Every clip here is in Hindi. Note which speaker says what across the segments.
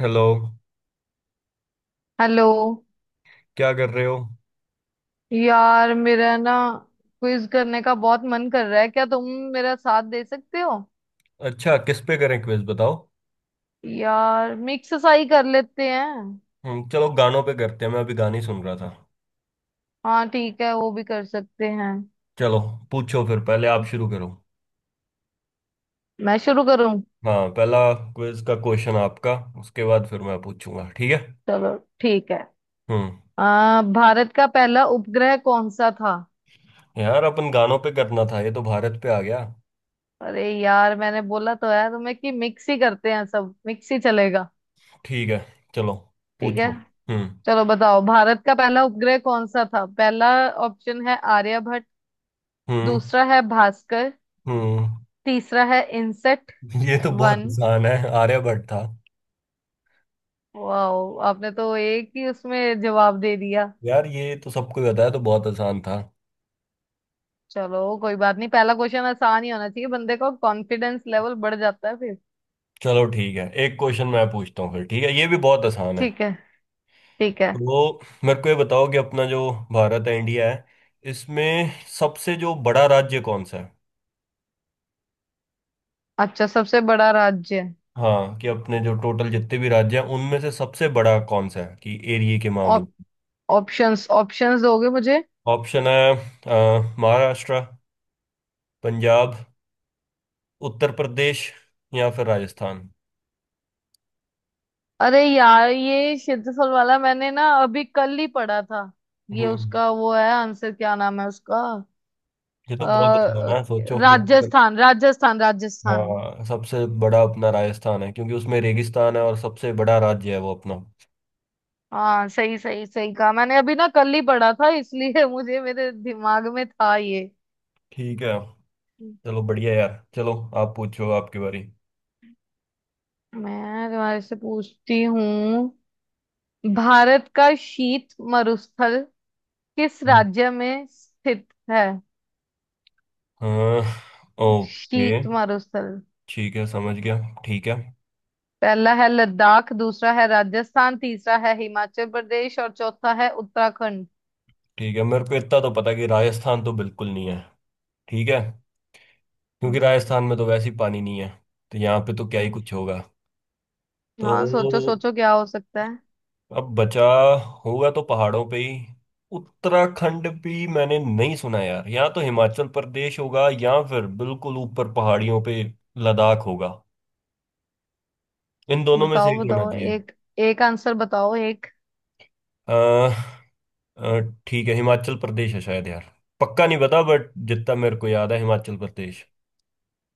Speaker 1: हेलो।
Speaker 2: हेलो।
Speaker 1: क्या कर रहे हो।
Speaker 2: यार मेरा ना क्विज करने का बहुत मन कर रहा है, क्या तुम मेरा साथ दे सकते हो?
Speaker 1: अच्छा किस पे करें क्विज बताओ।
Speaker 2: यार मिक्स सा ही कर लेते हैं।
Speaker 1: चलो गानों पे करते हैं, मैं अभी गाने सुन रहा था।
Speaker 2: हाँ ठीक है, वो भी कर सकते हैं।
Speaker 1: चलो, पूछो फिर, पहले आप शुरू करो।
Speaker 2: मैं शुरू करूं?
Speaker 1: हाँ, पहला क्विज का क्वेश्चन आपका, उसके बाद फिर मैं पूछूंगा, ठीक है।
Speaker 2: चलो ठीक है।
Speaker 1: हम्म
Speaker 2: भारत का पहला उपग्रह कौन सा था?
Speaker 1: यार अपन गानों पे करना था, ये तो भारत पे आ गया।
Speaker 2: अरे यार, मैंने बोला तो है तुम्हें कि मिक्स ही करते हैं, सब मिक्स ही चलेगा।
Speaker 1: ठीक है, चलो,
Speaker 2: ठीक है।
Speaker 1: पूछो। हम्म
Speaker 2: चलो बताओ, भारत का पहला उपग्रह कौन सा था? पहला ऑप्शन है आर्यभट्ट।
Speaker 1: हम्म
Speaker 2: दूसरा है भास्कर।
Speaker 1: हम्म
Speaker 2: तीसरा है इंसेक्ट
Speaker 1: ये तो बहुत
Speaker 2: वन।
Speaker 1: आसान है, आर्यभट्ट था।
Speaker 2: वाओ, आपने तो एक ही उसमें जवाब दे दिया।
Speaker 1: यार ये तो सबको ही पता है, तो बहुत आसान था।
Speaker 2: चलो कोई बात नहीं, पहला क्वेश्चन आसान ही होना चाहिए, बंदे का कॉन्फिडेंस लेवल बढ़ जाता है फिर।
Speaker 1: चलो ठीक है, एक क्वेश्चन मैं पूछता हूँ फिर, ठीक है, ये भी बहुत आसान है।
Speaker 2: ठीक है, ठीक है।
Speaker 1: तो मेरे को ये बताओ कि अपना जो भारत है, इंडिया है, इसमें सबसे जो बड़ा राज्य कौन सा है।
Speaker 2: अच्छा, सबसे बड़ा राज्य।
Speaker 1: हाँ, कि अपने जो टोटल जितने भी राज्य हैं उनमें से सबसे बड़ा कौन सा है, कि एरिया के मामले।
Speaker 2: ऑप्शंस ऑप्शंस दोगे मुझे?
Speaker 1: ऑप्शन है महाराष्ट्र, पंजाब, उत्तर प्रदेश या फिर राजस्थान।
Speaker 2: अरे यार, ये क्षेत्रफल वाला मैंने ना अभी कल ही पढ़ा था। ये
Speaker 1: हम्म
Speaker 2: उसका वो है आंसर, क्या नाम है उसका?
Speaker 1: ये तो बहुत आसान
Speaker 2: अ,
Speaker 1: है, सोचो यहाँ
Speaker 2: राजस्थान, राजस्थान, राजस्थान।
Speaker 1: हाँ, सबसे बड़ा अपना राजस्थान है क्योंकि उसमें रेगिस्तान है और सबसे बड़ा राज्य है वो अपना।
Speaker 2: हाँ, सही सही सही कहा, मैंने अभी ना कल ही पढ़ा था इसलिए मुझे, मेरे दिमाग में था ये।
Speaker 1: ठीक है, चलो बढ़िया यार, चलो आप पूछो, आपकी बारी।
Speaker 2: मैं तुम्हारे से पूछती हूँ। भारत का शीत मरुस्थल किस राज्य में स्थित है?
Speaker 1: हाँ। ओके,
Speaker 2: शीत मरुस्थल।
Speaker 1: ठीक है समझ गया, ठीक है।
Speaker 2: पहला है लद्दाख, दूसरा है राजस्थान, तीसरा है हिमाचल प्रदेश और चौथा है उत्तराखंड।
Speaker 1: ठीक है, मेरे को इतना तो पता है कि राजस्थान तो बिल्कुल नहीं है। ठीक है, क्योंकि
Speaker 2: हम्म।
Speaker 1: राजस्थान में तो वैसे ही पानी नहीं है, तो यहाँ पे तो क्या ही कुछ होगा
Speaker 2: हाँ, सोचो
Speaker 1: तो,
Speaker 2: सोचो, क्या हो सकता है?
Speaker 1: अब बचा, होगा तो पहाड़ों पे ही। उत्तराखंड भी मैंने नहीं सुना यार, यहाँ तो हिमाचल प्रदेश होगा या फिर बिल्कुल ऊपर पहाड़ियों पे लद्दाख होगा। इन दोनों में से
Speaker 2: बताओ
Speaker 1: एक होना
Speaker 2: बताओ, एक, एक आंसर बताओ एक।
Speaker 1: चाहिए। अ, ठीक है, हिमाचल प्रदेश है शायद यार, पक्का नहीं पता बट जितना मेरे को याद है हिमाचल प्रदेश।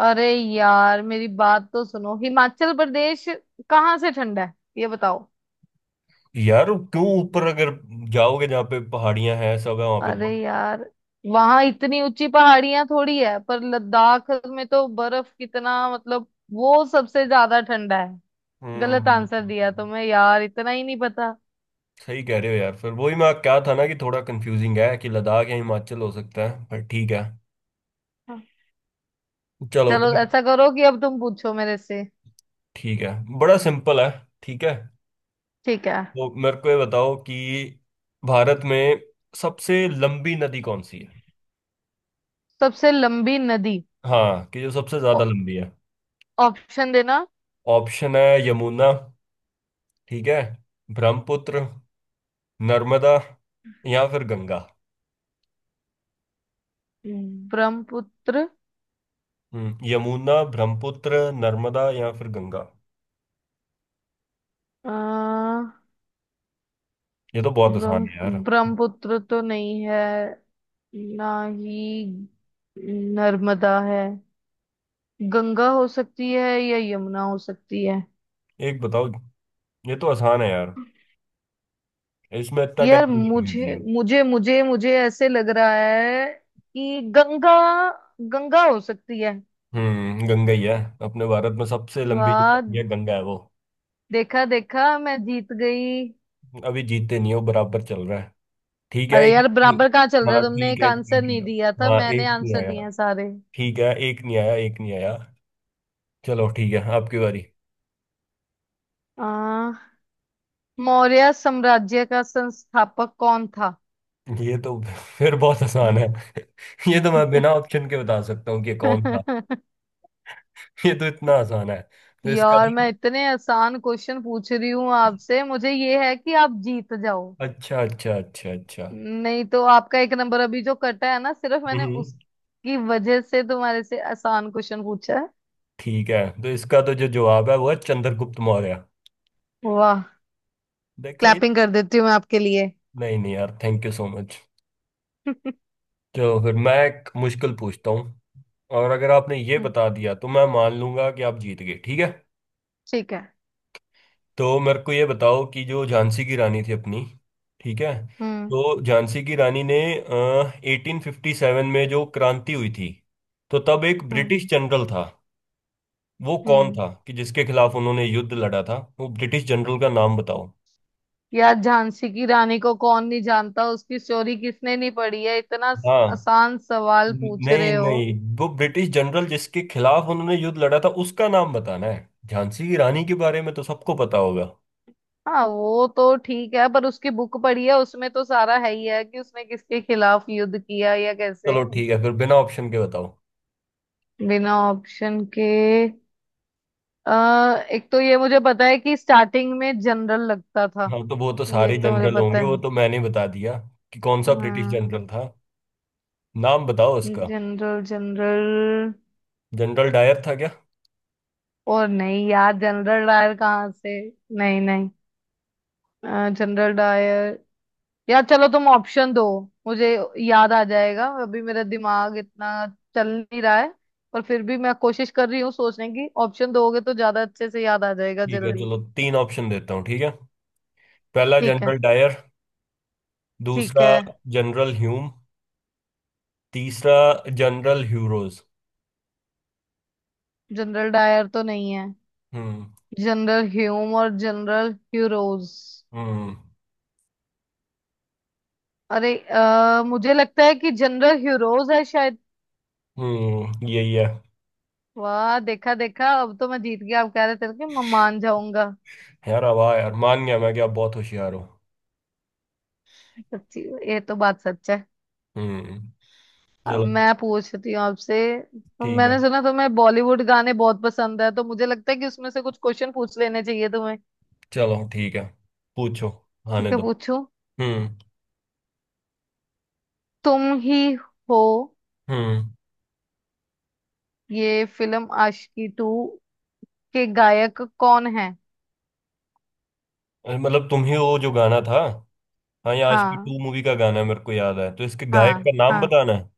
Speaker 2: अरे यार, मेरी बात तो सुनो, हिमाचल प्रदेश कहाँ से ठंडा है ये बताओ?
Speaker 1: यार क्यों, ऊपर अगर जाओगे जहाँ पे पहाड़ियां हैं सब है वहां पे
Speaker 2: अरे
Speaker 1: बहुत।
Speaker 2: यार, वहां इतनी ऊंची पहाड़ियां थोड़ी है, पर लद्दाख में तो बर्फ कितना, मतलब वो सबसे ज्यादा ठंडा है। गलत
Speaker 1: हम्म
Speaker 2: आंसर दिया तुम्हें, यार इतना ही नहीं पता।
Speaker 1: सही कह रहे हो यार, फिर वही मैं क्या था ना कि थोड़ा कंफ्यूजिंग है कि लद्दाख या हिमाचल हो सकता है, पर ठीक है। चलो
Speaker 2: चलो ऐसा करो कि अब तुम पूछो मेरे से।
Speaker 1: ठीक है, बड़ा सिंपल है, ठीक है।
Speaker 2: ठीक है।
Speaker 1: तो मेरे को ये बताओ कि भारत में सबसे लंबी नदी कौन सी है।
Speaker 2: सबसे लंबी नदी।
Speaker 1: हाँ, कि जो सबसे ज्यादा
Speaker 2: ओ-
Speaker 1: लंबी है।
Speaker 2: ऑप्शन देना।
Speaker 1: ऑप्शन है यमुना, ठीक है, ब्रह्मपुत्र, नर्मदा या फिर गंगा।
Speaker 2: ब्रह्मपुत्र।
Speaker 1: यमुना, ब्रह्मपुत्र, नर्मदा या फिर गंगा।
Speaker 2: अ,
Speaker 1: ये तो बहुत आसान है
Speaker 2: ब्रह्म
Speaker 1: यार,
Speaker 2: ब्रह्मपुत्र तो नहीं है, ना ही नर्मदा है। गंगा हो सकती है या यमुना हो सकती है।
Speaker 1: एक बताओ। ये तो आसान है यार, इसमें इतना टाइम
Speaker 2: यार,
Speaker 1: नहीं लगना
Speaker 2: मुझे
Speaker 1: चाहिए।
Speaker 2: मुझे मुझे मुझे ऐसे लग रहा है कि गंगा, गंगा हो सकती है।
Speaker 1: गंगा ही है। अपने भारत में सबसे लंबी जो
Speaker 2: वाह,
Speaker 1: नदी है, गंगा है वो।
Speaker 2: देखा देखा, मैं जीत गई।
Speaker 1: अभी जीतते नहीं हो, बराबर चल रहा है, ठीक है
Speaker 2: अरे यार,
Speaker 1: एक।
Speaker 2: बराबर कहाँ चल रहा
Speaker 1: हाँ
Speaker 2: है, तुमने
Speaker 1: ठीक
Speaker 2: एक
Speaker 1: है,
Speaker 2: आंसर
Speaker 1: ठीक
Speaker 2: नहीं
Speaker 1: है,
Speaker 2: दिया था,
Speaker 1: हाँ
Speaker 2: मैंने
Speaker 1: एक नहीं
Speaker 2: आंसर
Speaker 1: आया,
Speaker 2: दिए हैं सारे।
Speaker 1: ठीक है, एक नहीं आया, एक नहीं आया। चलो ठीक है, आपकी बारी।
Speaker 2: आ, मौर्य साम्राज्य का संस्थापक कौन था?
Speaker 1: ये तो फिर बहुत आसान है। ये तो मैं बिना ऑप्शन के बता सकता हूँ कि कौन था। ये तो इतना आसान है, तो इसका
Speaker 2: यार,
Speaker 1: भी।
Speaker 2: मैं इतने आसान क्वेश्चन पूछ रही हूँ आपसे, मुझे ये है कि आप जीत जाओ।
Speaker 1: अच्छा अच्छा अच्छा अच्छा।
Speaker 2: नहीं तो आपका एक नंबर अभी जो कटा है ना, सिर्फ मैंने
Speaker 1: हम्म
Speaker 2: उसकी वजह से तुम्हारे से आसान क्वेश्चन पूछा है।
Speaker 1: ठीक है, तो इसका तो जो जवाब है वो है चंद्रगुप्त मौर्य।
Speaker 2: वाह,
Speaker 1: देखा ये।
Speaker 2: क्लैपिंग कर देती हूँ मैं आपके लिए।
Speaker 1: नहीं नहीं यार, थैंक यू सो मच। चलो फिर मैं एक मुश्किल पूछता हूँ, और अगर आपने ये बता दिया तो मैं मान लूंगा कि आप जीत गए, ठीक है।
Speaker 2: ठीक है।
Speaker 1: तो मेरे को ये बताओ कि जो झांसी की रानी थी अपनी, ठीक है।
Speaker 2: हम्म,
Speaker 1: तो झांसी की रानी ने 1857 में जो क्रांति हुई थी, तो तब एक
Speaker 2: हम्म,
Speaker 1: ब्रिटिश जनरल था, वो कौन
Speaker 2: हम्म।
Speaker 1: था, कि जिसके खिलाफ उन्होंने युद्ध लड़ा था, वो ब्रिटिश जनरल का नाम बताओ।
Speaker 2: यार, झांसी की रानी को कौन नहीं जानता, उसकी स्टोरी किसने नहीं पढ़ी है? इतना
Speaker 1: हाँ।
Speaker 2: आसान सवाल पूछ
Speaker 1: नहीं
Speaker 2: रहे हो?
Speaker 1: नहीं, वो ब्रिटिश जनरल जिसके खिलाफ उन्होंने युद्ध लड़ा था उसका नाम बताना है, झांसी की रानी के बारे में तो सबको पता होगा।
Speaker 2: हाँ, वो तो ठीक है, पर उसकी बुक पढ़ी है, उसमें तो सारा है ही है कि उसने किसके खिलाफ युद्ध किया या कैसे।
Speaker 1: चलो ठीक है, फिर बिना ऑप्शन के बताओ।
Speaker 2: बिना ऑप्शन के। एक तो ये मुझे पता है कि स्टार्टिंग में जनरल लगता था।
Speaker 1: हाँ तो वो तो
Speaker 2: ये
Speaker 1: सारे
Speaker 2: तो मुझे
Speaker 1: जनरल
Speaker 2: पता
Speaker 1: होंगे, वो
Speaker 2: है।
Speaker 1: तो मैंने बता दिया, कि कौन सा ब्रिटिश
Speaker 2: हाँ।
Speaker 1: जनरल था, नाम बताओ उसका।
Speaker 2: General general.
Speaker 1: जनरल डायर था क्या।
Speaker 2: और नहीं यार, जनरल डायर कहाँ से? नहीं, नहीं, जनरल डायर। यार चलो, तुम ऑप्शन दो मुझे, याद आ जाएगा, अभी मेरा दिमाग इतना चल नहीं रहा है, पर फिर भी मैं कोशिश कर रही हूँ सोचने की, ऑप्शन दोगे तो ज्यादा अच्छे से याद आ जाएगा
Speaker 1: ठीक है
Speaker 2: जल्दी।
Speaker 1: चलो, तीन ऑप्शन देता हूँ, ठीक है। पहला
Speaker 2: ठीक है,
Speaker 1: जनरल डायर,
Speaker 2: ठीक
Speaker 1: दूसरा
Speaker 2: है।
Speaker 1: जनरल ह्यूम, तीसरा जनरल ह्यूरोज।
Speaker 2: जनरल डायर तो नहीं है।
Speaker 1: हम्म
Speaker 2: जनरल ह्यूम और जनरल ह्यूरोज।
Speaker 1: हम्म
Speaker 2: अरे, मुझे लगता है कि जनरल ह्यूरोज है शायद।
Speaker 1: यही है।
Speaker 2: वाह, देखा देखा, अब तो मैं जीत गया, आप कह रहे थे कि मैं मान जाऊंगा।
Speaker 1: यार अब आ यार मान गया मैं, कि आप बहुत होशियार हो।
Speaker 2: सच्ची? ये तो बात सच है।
Speaker 1: हम्म
Speaker 2: अब
Speaker 1: चलो
Speaker 2: मैं पूछती हूँ आपसे। तो
Speaker 1: ठीक है।
Speaker 2: मैंने सुना तुम्हें बॉलीवुड गाने बहुत पसंद है, तो मुझे लगता है कि उसमें से कुछ क्वेश्चन पूछ लेने चाहिए तुम्हें।
Speaker 1: चलो ठीक है, पूछो, आने
Speaker 2: ठीक है,
Speaker 1: दो।
Speaker 2: पूछूं?
Speaker 1: हम्म
Speaker 2: तुम ही हो।
Speaker 1: हम्म
Speaker 2: ये फिल्म आशिकी टू के गायक कौन है?
Speaker 1: अरे मतलब तुम ही, वो जो गाना था। हाँ ये आज की
Speaker 2: हाँ,
Speaker 1: 2 मूवी का गाना है, मेरे को याद है, तो इसके गायक
Speaker 2: हाँ,
Speaker 1: का नाम
Speaker 2: हाँ,
Speaker 1: बताना है।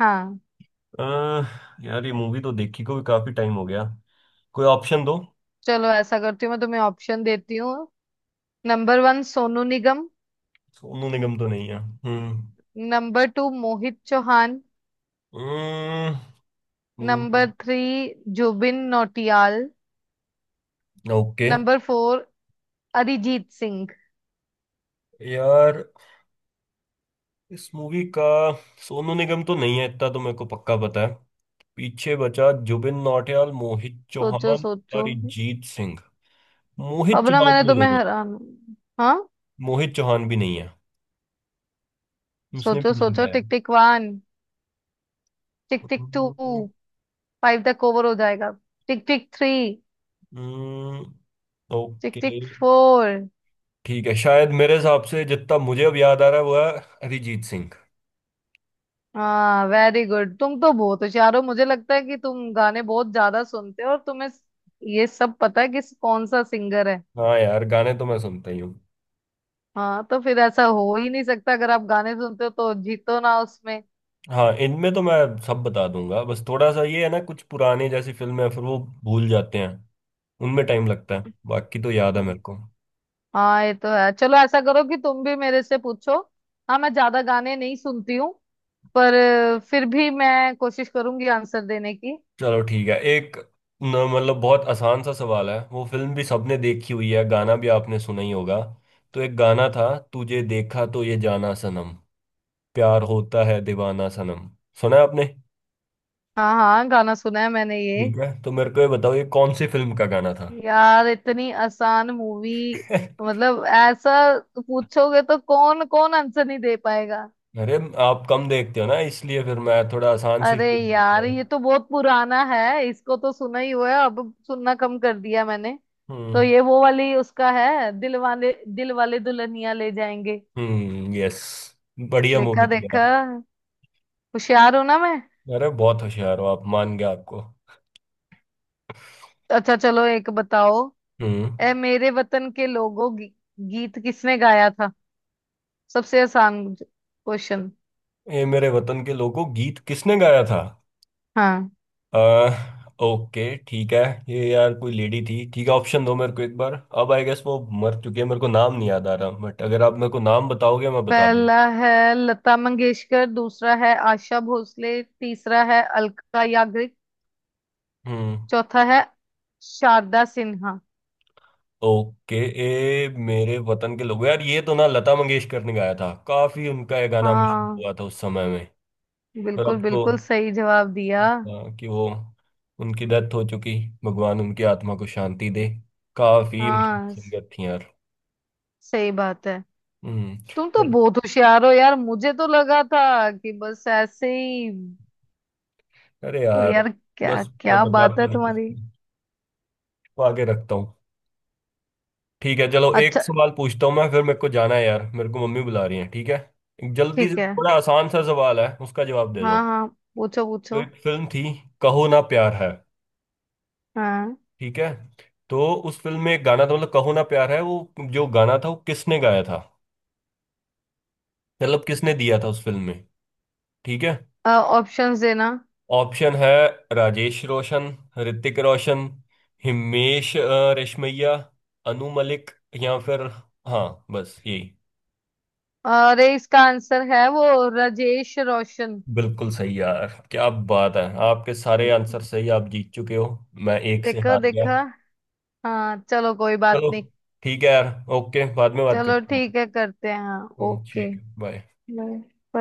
Speaker 2: हाँ।
Speaker 1: अह, यार ये मूवी तो देखी को भी काफी टाइम हो गया, कोई ऑप्शन दो।
Speaker 2: चलो ऐसा करती हूँ, मैं तुम्हें ऑप्शन देती हूँ। Number one, Sonu Nigam.
Speaker 1: सोनू निगम तो नहीं है।
Speaker 2: Number two, Mohit Chauhan.
Speaker 1: हम्म हम्म,
Speaker 2: number three, Jubin Nautiyal.
Speaker 1: Okay.
Speaker 2: Number four, Arijit Singh.
Speaker 1: यार इस मूवी का सोनू निगम तो नहीं है, इतना तो मेरे को पक्का पता है। पीछे बचा जुबिन नौटियाल, मोहित चौहान
Speaker 2: सोचो
Speaker 1: और
Speaker 2: सोचो।
Speaker 1: अरिजीत सिंह। मोहित
Speaker 2: अब ना
Speaker 1: चौहान
Speaker 2: मैंने
Speaker 1: भी
Speaker 2: तुम्हें
Speaker 1: नहीं है।
Speaker 2: हैरान। हाँ,
Speaker 1: मोहित चौहान भी नहीं है, उसने
Speaker 2: सोचो
Speaker 1: भी नहीं
Speaker 2: सोचो, tick tick one, tick tick two,
Speaker 1: गाया।
Speaker 2: फाइव तक ओवर हो जाएगा, tick tick three,
Speaker 1: hmm
Speaker 2: tick
Speaker 1: okay
Speaker 2: tick four.
Speaker 1: ठीक है, शायद मेरे हिसाब से जितना मुझे अब याद आ रहा है वो है अरिजीत सिंह।
Speaker 2: हाँ वेरी गुड, तुम तो बहुत होशियार हो, मुझे लगता है कि तुम गाने बहुत ज्यादा सुनते हो और तुम्हें ये सब पता है कि कौन सा सिंगर है।
Speaker 1: हाँ यार गाने तो मैं सुनता ही हूँ।
Speaker 2: हाँ तो फिर ऐसा हो ही नहीं सकता, अगर आप गाने सुनते हो तो जीतो ना उसमें।
Speaker 1: हाँ इनमें तो मैं सब बता दूंगा, बस थोड़ा सा ये है ना, कुछ पुराने जैसी फिल्में हैं, फिर वो भूल जाते हैं, उनमें टाइम लगता है, बाकी तो याद है मेरे को।
Speaker 2: हाँ ये तो है, चलो ऐसा करो कि तुम भी मेरे से पूछो। हाँ मैं ज्यादा गाने नहीं सुनती हूँ। पर फिर भी मैं कोशिश करूंगी आंसर देने की।
Speaker 1: चलो ठीक है, एक न, मतलब बहुत आसान सा सवाल है, वो फिल्म भी सबने देखी हुई है, गाना भी आपने सुना ही होगा। तो एक गाना था, तुझे देखा तो ये जाना सनम, प्यार होता है दीवाना सनम, सुना है आपने।
Speaker 2: हाँ, हाँ, गाना सुना है मैंने ये।
Speaker 1: ठीक है, तो मेरे को ये बताओ, ये कौन सी फिल्म का गाना था।
Speaker 2: यार इतनी आसान मूवी, मतलब ऐसा पूछोगे तो कौन कौन आंसर नहीं दे पाएगा?
Speaker 1: अरे आप कम देखते हो ना, इसलिए फिर मैं थोड़ा आसान से
Speaker 2: अरे
Speaker 1: शुरू करता
Speaker 2: यार
Speaker 1: हूँ।
Speaker 2: ये तो बहुत पुराना है, इसको तो सुना ही हुआ है, अब सुनना कम कर दिया मैंने। तो
Speaker 1: हम्म
Speaker 2: ये वो वाली उसका है, दिल वाले दुल्हनिया ले जाएंगे।
Speaker 1: यस, बढ़िया
Speaker 2: देखा
Speaker 1: मूवी थी
Speaker 2: देखा,
Speaker 1: यार।
Speaker 2: होशियार हूं ना मैं?
Speaker 1: अरे बहुत होशियार हो आप, मान गया आपको।
Speaker 2: अच्छा चलो, एक बताओ।
Speaker 1: हम्म
Speaker 2: ए मेरे वतन के लोगों, गीत किसने गाया था? सबसे आसान क्वेश्चन।
Speaker 1: ये मेरे वतन के लोगों गीत किसने गाया था।
Speaker 2: हाँ,
Speaker 1: अह ओके ठीक है, ये यार कोई लेडी थी, ठीक है ऑप्शन दो मेरे को एक बार, अब आई गेस वो मर चुकी है, मेरे को नाम नहीं याद आ रहा, बट अगर आप मेरे को नाम बताओगे मैं बता दूँ।
Speaker 2: पहला है लता मंगेशकर, दूसरा है आशा भोसले, तीसरा है अलका याग्निक,
Speaker 1: हम्म
Speaker 2: चौथा है शारदा सिन्हा।
Speaker 1: ओके। ए मेरे वतन के लोग, यार ये तो ना लता मंगेशकर ने गाया था, काफी उनका ये गाना मशहूर
Speaker 2: हाँ
Speaker 1: हुआ था उस समय में। पर
Speaker 2: बिल्कुल,
Speaker 1: अब तो
Speaker 2: बिल्कुल सही जवाब दिया।
Speaker 1: आ, कि वो, उनकी डेथ हो चुकी, भगवान उनकी आत्मा को शांति दे, काफी मशहूर
Speaker 2: हाँ,
Speaker 1: सिंगर थी यार।
Speaker 2: सही बात है।
Speaker 1: हम्म
Speaker 2: तुम तो
Speaker 1: बल-
Speaker 2: बहुत होशियार हो यार, मुझे तो लगा था कि बस ऐसे ही।
Speaker 1: अरे
Speaker 2: पर
Speaker 1: यार,
Speaker 2: यार, क्या
Speaker 1: बस मैं
Speaker 2: क्या बात
Speaker 1: बताता
Speaker 2: है
Speaker 1: नहीं
Speaker 2: तुम्हारी।
Speaker 1: इसको, आगे रखता हूँ। ठीक है चलो, एक
Speaker 2: अच्छा,
Speaker 1: सवाल पूछता हूँ मैं फिर, मेरे को जाना है यार, मेरे को मम्मी बुला रही है, ठीक है। एक जल्दी से
Speaker 2: ठीक है।
Speaker 1: बड़ा आसान सा सवाल है, उसका जवाब दे दो।
Speaker 2: हाँ हाँ, पूछो
Speaker 1: तो
Speaker 2: पूछो।
Speaker 1: एक फिल्म थी, कहो ना प्यार है,
Speaker 2: हाँ।
Speaker 1: ठीक है। तो उस फिल्म में एक गाना था, मतलब कहो ना प्यार है वो जो गाना था वो किसने गाया था, मतलब किसने दिया था उस फिल्म में, ठीक है।
Speaker 2: ऑप्शंस देना।
Speaker 1: ऑप्शन है राजेश रोशन, ऋतिक रोशन, हिमेश रेशमैया, अनु मलिक या फिर, हाँ बस यही।
Speaker 2: अरे, इसका आंसर है वो, राजेश रोशन।
Speaker 1: बिल्कुल सही यार क्या बात है, आपके सारे आंसर सही, आप जीत चुके हो, मैं एक से
Speaker 2: देखो
Speaker 1: हार गया।
Speaker 2: देखो। हाँ चलो कोई बात
Speaker 1: चलो
Speaker 2: नहीं।
Speaker 1: ठीक है यार, ओके बाद में बात
Speaker 2: चलो
Speaker 1: करते हैं।
Speaker 2: ठीक है, करते हैं। हाँ ओके।
Speaker 1: ठीक है बाय।
Speaker 2: बाय।